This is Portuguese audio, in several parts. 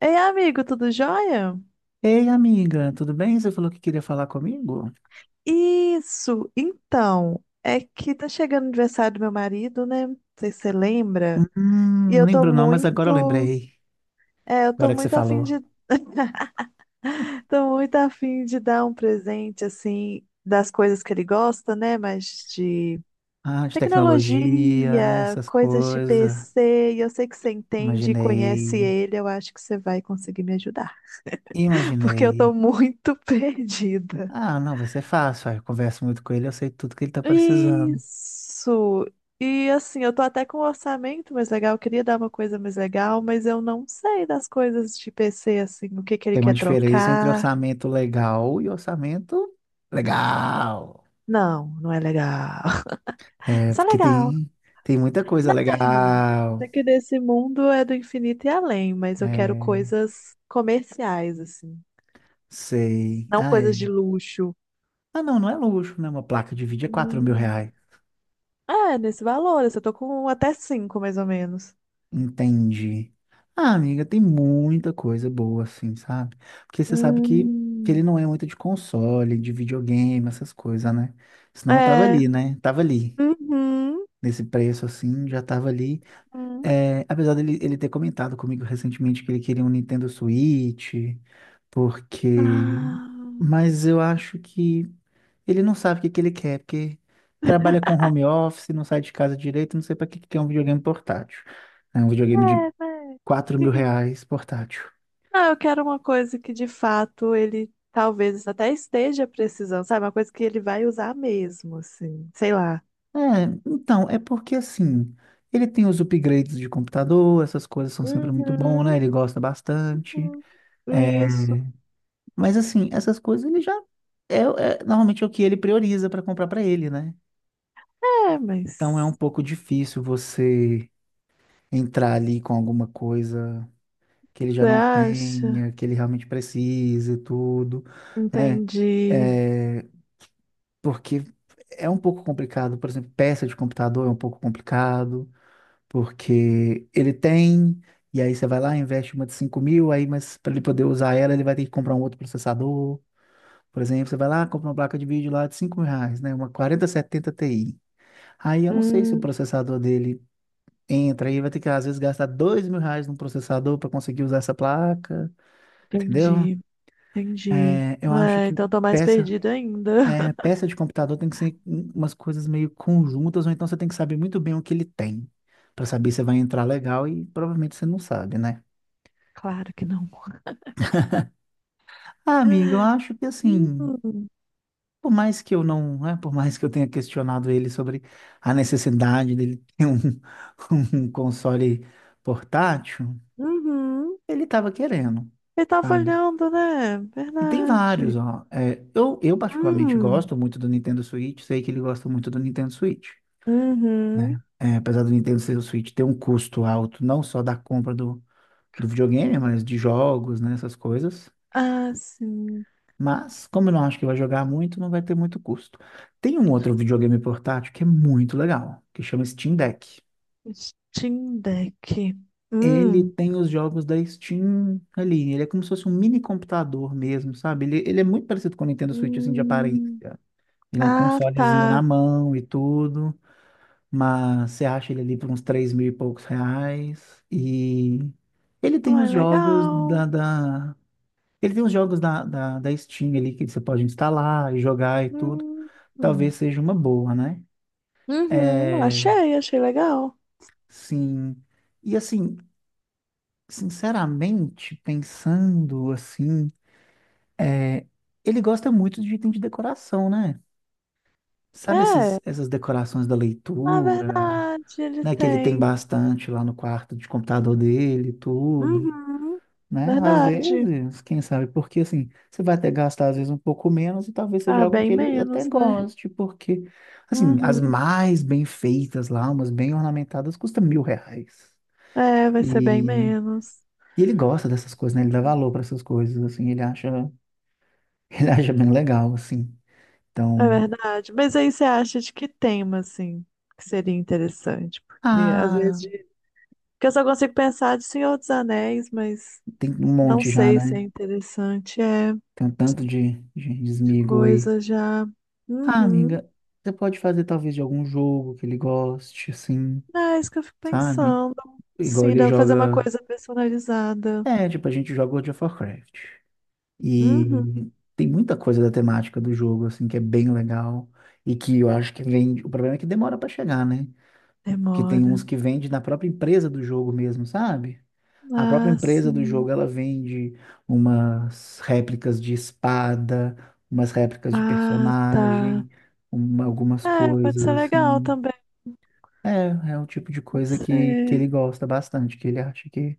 Ei, amigo, tudo jóia? Ei, amiga, tudo bem? Você falou que queria falar comigo? Isso, então, é que tá chegando o aniversário do meu marido, né? Não sei se você lembra. E Não eu tô lembro não, mas agora eu muito, lembrei. Eu tô Agora que você muito afim falou. de, tô muito afim de dar um presente, assim, das coisas que ele gosta, né? Mas de Ah, de tecnologia, né? tecnologia, Essas coisas de coisas. PC, e eu sei que você entende e conhece Imaginei. ele, eu acho que você vai conseguir me ajudar, porque eu tô Imaginei. muito perdida. Ah, não, vai ser fácil. Ah, eu converso muito com ele, eu sei tudo que ele tá precisando. Isso! E assim, eu tô até com um orçamento mais legal, eu queria dar uma coisa mais legal, mas eu não sei das coisas de PC, assim, o que que ele Tem uma quer diferença entre trocar. orçamento legal e orçamento legal. Não, não é legal. É, Só porque legal. tem, tem muita coisa Não, é É legal. que desse mundo é do infinito e além, mas eu quero É, coisas comerciais, assim, sei. não Ah, coisas de é. luxo. Ah, não, não é luxo, né? Uma placa de vídeo é 4 mil reais. Hum. É, nesse valor, assim, eu tô com até cinco, mais ou menos. Entendi. Ah, amiga, tem muita coisa boa, assim, sabe? Porque você sabe que Hum. ele não é muito de console, de videogame, essas coisas, né? Senão eu tava É. ali, né? Tava ali. Uhum. Nesse preço, assim, já tava ali. Uhum. É, apesar dele ele ter comentado comigo recentemente que ele queria um Nintendo Switch, porque... Ah, Mas eu acho que ele não sabe o que que ele quer, porque trabalha com home office, não sai de casa direito, não sei para que que é um videogame portátil. É um videogame de é, né? quatro mil reais portátil. Não, eu quero uma coisa que de fato ele talvez até esteja precisando, sabe? Uma coisa que ele vai usar mesmo, assim. Sei lá. É, então, é porque assim, ele tem os upgrades de computador, essas coisas são sempre muito bom, né? Uhum, Ele gosta bastante. uhum. É, Isso. mas assim, essas coisas ele já é, é normalmente é o que ele prioriza para comprar para ele, né? É, Então é um mas pouco difícil você entrar ali com alguma coisa que ele já você não acha? tenha, que ele realmente precise e tudo, né? Entendi. É, porque é um pouco complicado, por exemplo, peça de computador é um pouco complicado, porque ele tem, e aí você vai lá, investe uma de 5 mil, aí, mas para ele poder usar ela, ele vai ter que comprar um outro processador. Por exemplo, você vai lá, compra uma placa de vídeo lá de 5 mil reais, né? Uma 4070 Ti. Aí eu não sei se o Hum, processador dele entra aí, vai ter que às vezes gastar 2 mil reais num processador para conseguir usar essa placa, entendeu? entendi, entendi. É, eu acho É, que então tô mais peça, perdida ainda. é, peça de computador tem que ser umas coisas meio conjuntas, ou então você tem que saber muito bem o que ele tem, para saber se vai entrar legal e provavelmente você não sabe, né? Claro que não. Ah, amiga, eu acho que assim, Hum, por mais que eu não, né, por mais que eu tenha questionado ele sobre a necessidade dele ter um, um console portátil, uhum. ele estava querendo, Ele tava sabe? olhando, né? E tem vários, Verdade. ó. É, eu particularmente Hum. gosto muito do Nintendo Switch, sei que ele gosta muito do Nintendo Switch. Uhum. Né? É, apesar do Nintendo ser o Switch ter um custo alto, não só da compra do, do videogame, mas de jogos, né, essas coisas. Ah, sim. Mas, como eu não acho que vai jogar muito, não vai ter muito custo. Tem um outro videogame portátil que é muito legal, que chama Steam Deck. Steam Deck. Ele Hum. tem os jogos da Steam ali, ele é como se fosse um mini computador mesmo, sabe? Ele é muito parecido com o Nintendo Switch, assim, de aparência. Hum. Ele é um Ah, consolezinho na tá. mão e tudo. Mas você acha ele ali por uns 3 mil e poucos reais. E ele tem Ué, os jogos legal. da, da... Ele tem os jogos da Steam ali que você pode instalar e jogar e tudo. Hum. Talvez Hum. seja uma boa, né? Uhum. É, Achei, achei legal. sim. E assim, sinceramente, pensando assim, é, ele gosta muito de item de decoração, né? Sabe É. Essas decorações da Ah, leitura, verdade, ele né? Que ele tem tem. bastante lá no quarto de computador dele, e tudo. Uhum. Né? Às Verdade. vezes, quem sabe, porque assim, você vai até gastar às vezes um pouco menos e talvez seja Ah, algo bem que ele até menos, né? goste, porque, assim, as Uhum. mais bem feitas lá, umas bem ornamentadas, custa 1 mil reais. É, vai ser bem E, menos. e ele gosta dessas coisas, né? Ele dá valor para essas coisas, assim, ele acha, ele acha bem legal, assim. É Então, verdade. Mas aí você acha de que tema, assim, que seria interessante? Porque às vezes. ah, Porque eu só consigo pensar de Senhor dos Anéis, mas tem um não monte já, sei se é né? interessante. É, Tem um tanto de esmigo aí. coisa já. Ah, Uhum. amiga, você pode fazer talvez de algum jogo que ele goste, assim, É isso que eu fico sabe? pensando. Igual Sim, ele dá pra fazer uma joga. coisa personalizada. É, tipo, a gente joga World of Warcraft. Uhum. E tem muita coisa da temática do jogo, assim, que é bem legal. E que eu acho que vende. O problema é que demora pra chegar, né? Que tem Demora. uns que vende na própria empresa do jogo mesmo, sabe? A própria Ah, empresa do sim. jogo, ela vende umas réplicas de espada, umas réplicas de Ah, tá. personagem, algumas É, pode coisas, ser legal assim. também. É, é o tipo de Pode coisa que ser. ele gosta bastante, que ele acha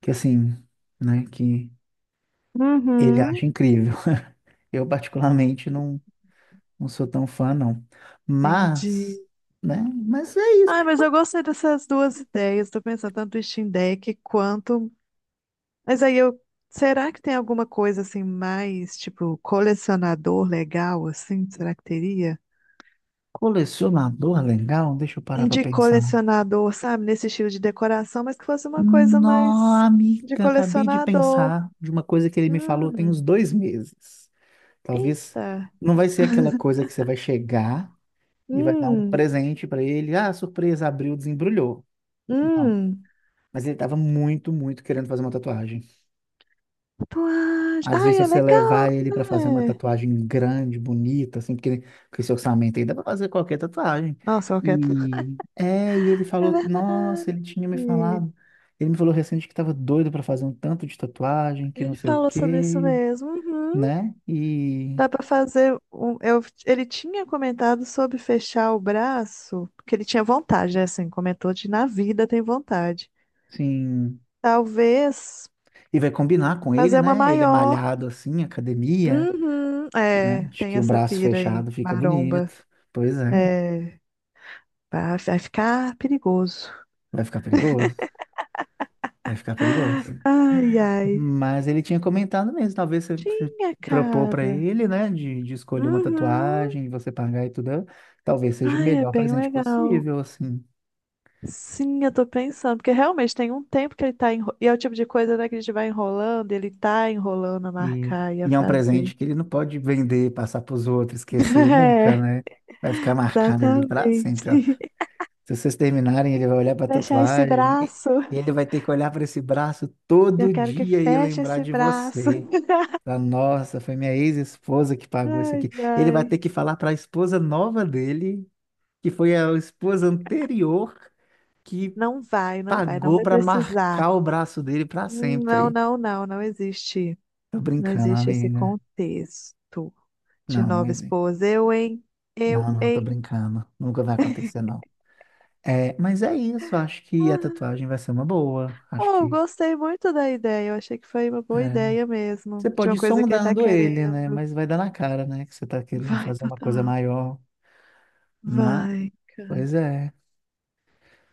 que assim, né, que ele Uhum. acha incrível. Eu particularmente não, não sou tão fã, não. Entendi. Mas, né, mas é isso. Ai, mas eu gostei dessas duas ideias. Tô pensando tanto em Steam Deck quanto mas aí eu. Será que tem alguma coisa assim mais, tipo, colecionador legal, assim? Será que teria? Colecionador legal, deixa eu parar pra De pensar. colecionador, sabe? Nesse estilo de decoração, mas que fosse uma coisa Nó, mais de amiga, acabei de colecionador. pensar de uma coisa que ele me falou tem Hum, uns 2 meses. Talvez eita. não vai ser aquela coisa que você vai chegar e vai dar um Hum, presente pra ele. Ah, surpresa, abriu, desembrulhou. Não. hum. Mas ele tava muito, muito querendo fazer uma tatuagem. Tatuagem. Às Ai, vezes, é você legal, levar ele para fazer uma né? tatuagem grande, bonita, assim, porque com esse orçamento aí dá para fazer qualquer tatuagem. Nossa, eu quero. E é, e ele É falou, nossa, verdade. ele tinha me falado. Ele me falou recente que estava doido para fazer um tanto de tatuagem, que não Ele sei o falou sobre isso quê, mesmo. Uhum. né? E Dá pra fazer um. Eu, ele tinha comentado sobre fechar o braço, porque ele tinha vontade, né? Assim, comentou de na vida tem vontade. sim, Talvez e vai combinar com ele, fazer uma né? Ele é maior. malhado assim, academia, Uhum, né? é, Acho tem que o essa braço pira aí, fechado fica bonito. maromba. Pois é, É, vai, vai ficar perigoso. vai ficar perigoso. Vai ficar perigoso. Ai, ai. Mas ele tinha comentado mesmo, talvez você, você Tinha, propor para cara. ele, né, de escolher uma Uhum. tatuagem, você pagar e tudo, talvez seja o Ai, é melhor bem presente legal. possível, assim. Sim, eu tô pensando, porque realmente tem um tempo que ele tá enro... E é o tipo de coisa, né, que a gente vai enrolando, ele tá enrolando a E, marcar e a e é um fazer. presente que ele não pode vender, passar para os outros, esquecer nunca, É, né? Vai ficar marcado ali para sempre, ó. exatamente. Se vocês terminarem, ele vai olhar para a Fechar esse tatuagem braço. e ele vai ter que olhar para esse braço Eu todo quero que dia e feche lembrar esse de braço. você. Falar, nossa, foi minha ex-esposa que pagou isso Ai, aqui. Ele vai ai. ter que falar para a esposa nova dele que foi a esposa anterior que Não vai, não vai, não pagou vai para precisar. marcar o braço dele para Não, sempre. não, não, não existe. Tô Não brincando, existe esse amiga. contexto de Não, não nova existe. esposa. Eu, hein? Eu, Não, não, tô hein? brincando. Nunca vai acontecer, não. É, mas é isso, acho que a tatuagem vai ser uma boa. Acho Oh, eu que gostei muito da ideia. Eu achei que foi uma boa é. ideia mesmo. Você De pode uma ir coisa que ele tá sondando ele, né? querendo. Mas vai dar na cara, né? Que você tá querendo Vai, fazer uma coisa total. maior. Mas, Vai, cara. pois é,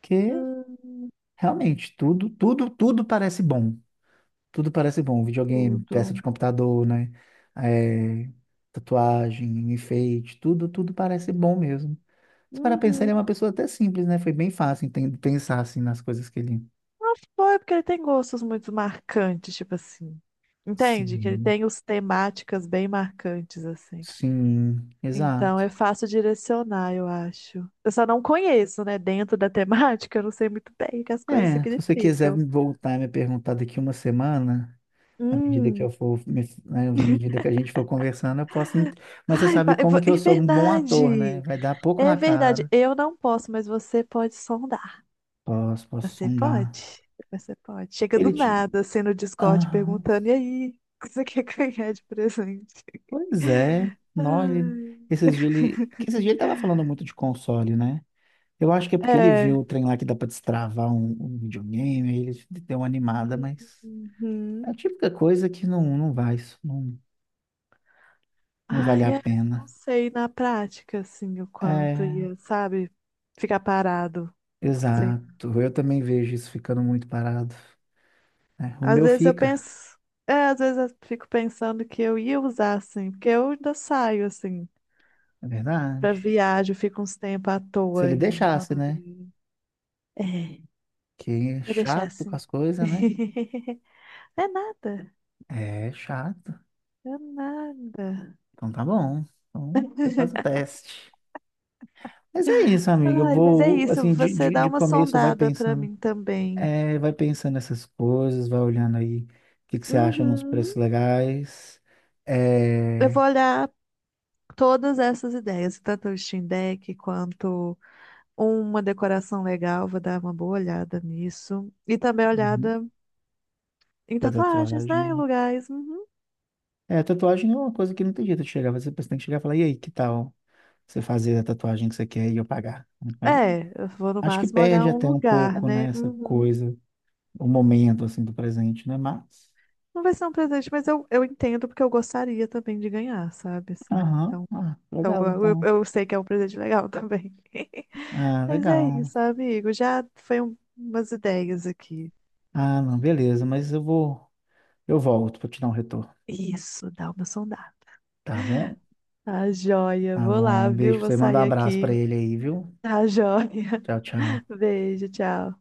porque Hum, realmente tudo, tudo, tudo parece bom. Tudo parece bom. Videogame, peça tudo. de computador, né? É, tatuagem, enfeite, tudo, tudo parece bom mesmo. Se para pensar, ele é uma Uhum. pessoa até simples, né? Foi bem fácil pensar assim nas coisas que ele. Bom, é porque ele tem gostos muito marcantes, tipo assim. Entende? Que ele Sim. tem os temáticas bem marcantes, assim. Sim, Então exato. é fácil direcionar, eu acho. Eu só não conheço, né? Dentro da temática, eu não sei muito bem o que as coisas É, se você quiser significam. me voltar a me perguntar daqui uma semana, à medida que Hum. eu for, né, de medida que a gente for conversando, eu posso. Mas você Ai, sabe vai, como que eu é sou um bom ator, né? verdade! Vai dar pouco É na verdade, cara. eu não posso, mas você pode sondar. Posso, posso Você sondar. pode? Você pode. Chega do Ele tinha. nada, assim, no Discord perguntando, e aí, o que você quer ganhar de presente? Pois é, nó, Ai, esses dias ele, porque esses dias ele tava falando muito de console, né? Eu acho que é porque ele é. viu o trem lá que dá pra destravar um, um videogame, aí ele deu uma animada, mas é Uhum. a típica coisa que não, não vai, isso não, não vale Ai, a é, eu não pena. sei na prática, assim, o quanto É, ia, sabe, ficar parado. Sei. exato. Eu também vejo isso ficando muito parado. É, o Às meu vezes eu fica, penso, às vezes eu fico pensando que eu ia usar, assim, porque eu ainda saio, assim. é Pra verdade. viagem, fica uns tempos à Se toa ele em deixasse, né? rodovia. É, Que é ia deixar chato com assim. as coisas, né? É nada, É chato. é nada. Então tá bom. Então você faz o teste. Mas é isso, amiga. Eu Ai, mas é vou, isso, assim, você dá de uma começo, vai sondada pra pensando. mim também. É, vai pensando nessas coisas, vai olhando aí o que, que você acha nos Uhum. preços legais. Eu É, vou olhar todas essas ideias, tanto o Steam Deck quanto uma decoração legal, vou dar uma boa olhada nisso. E também uhum, olhada em da tatuagens, tatuagem. né? Em Né? lugares. Uhum. É, tatuagem é uma coisa que não tem jeito de chegar. Você tem que chegar e falar, e aí, que tal você fazer a tatuagem que você quer e eu pagar? Aí, É, eu vou no acho que máximo perde olhar um até um lugar, pouco, né, né? essa Uhum. coisa, o momento, assim, do presente, né? Mas, Não vai ser um presente, mas eu entendo porque eu gostaria também de ganhar, sabe? Assim, aham, então, ah, então legal, eu, eu então. eu sei que é um presente legal também. Ah, Mas é legal. isso, amigo. Já foi umas ideias aqui. Ah, não, beleza, mas eu vou. Eu volto pra te dar um retorno. Isso, dá uma sondada. Tá bom? Tá joia. Tá Vou bom. lá, Um beijo viu? pra Vou você. Manda um sair abraço pra aqui. ele aí, viu? Tá joia. Tchau, tchau. Beijo, tchau.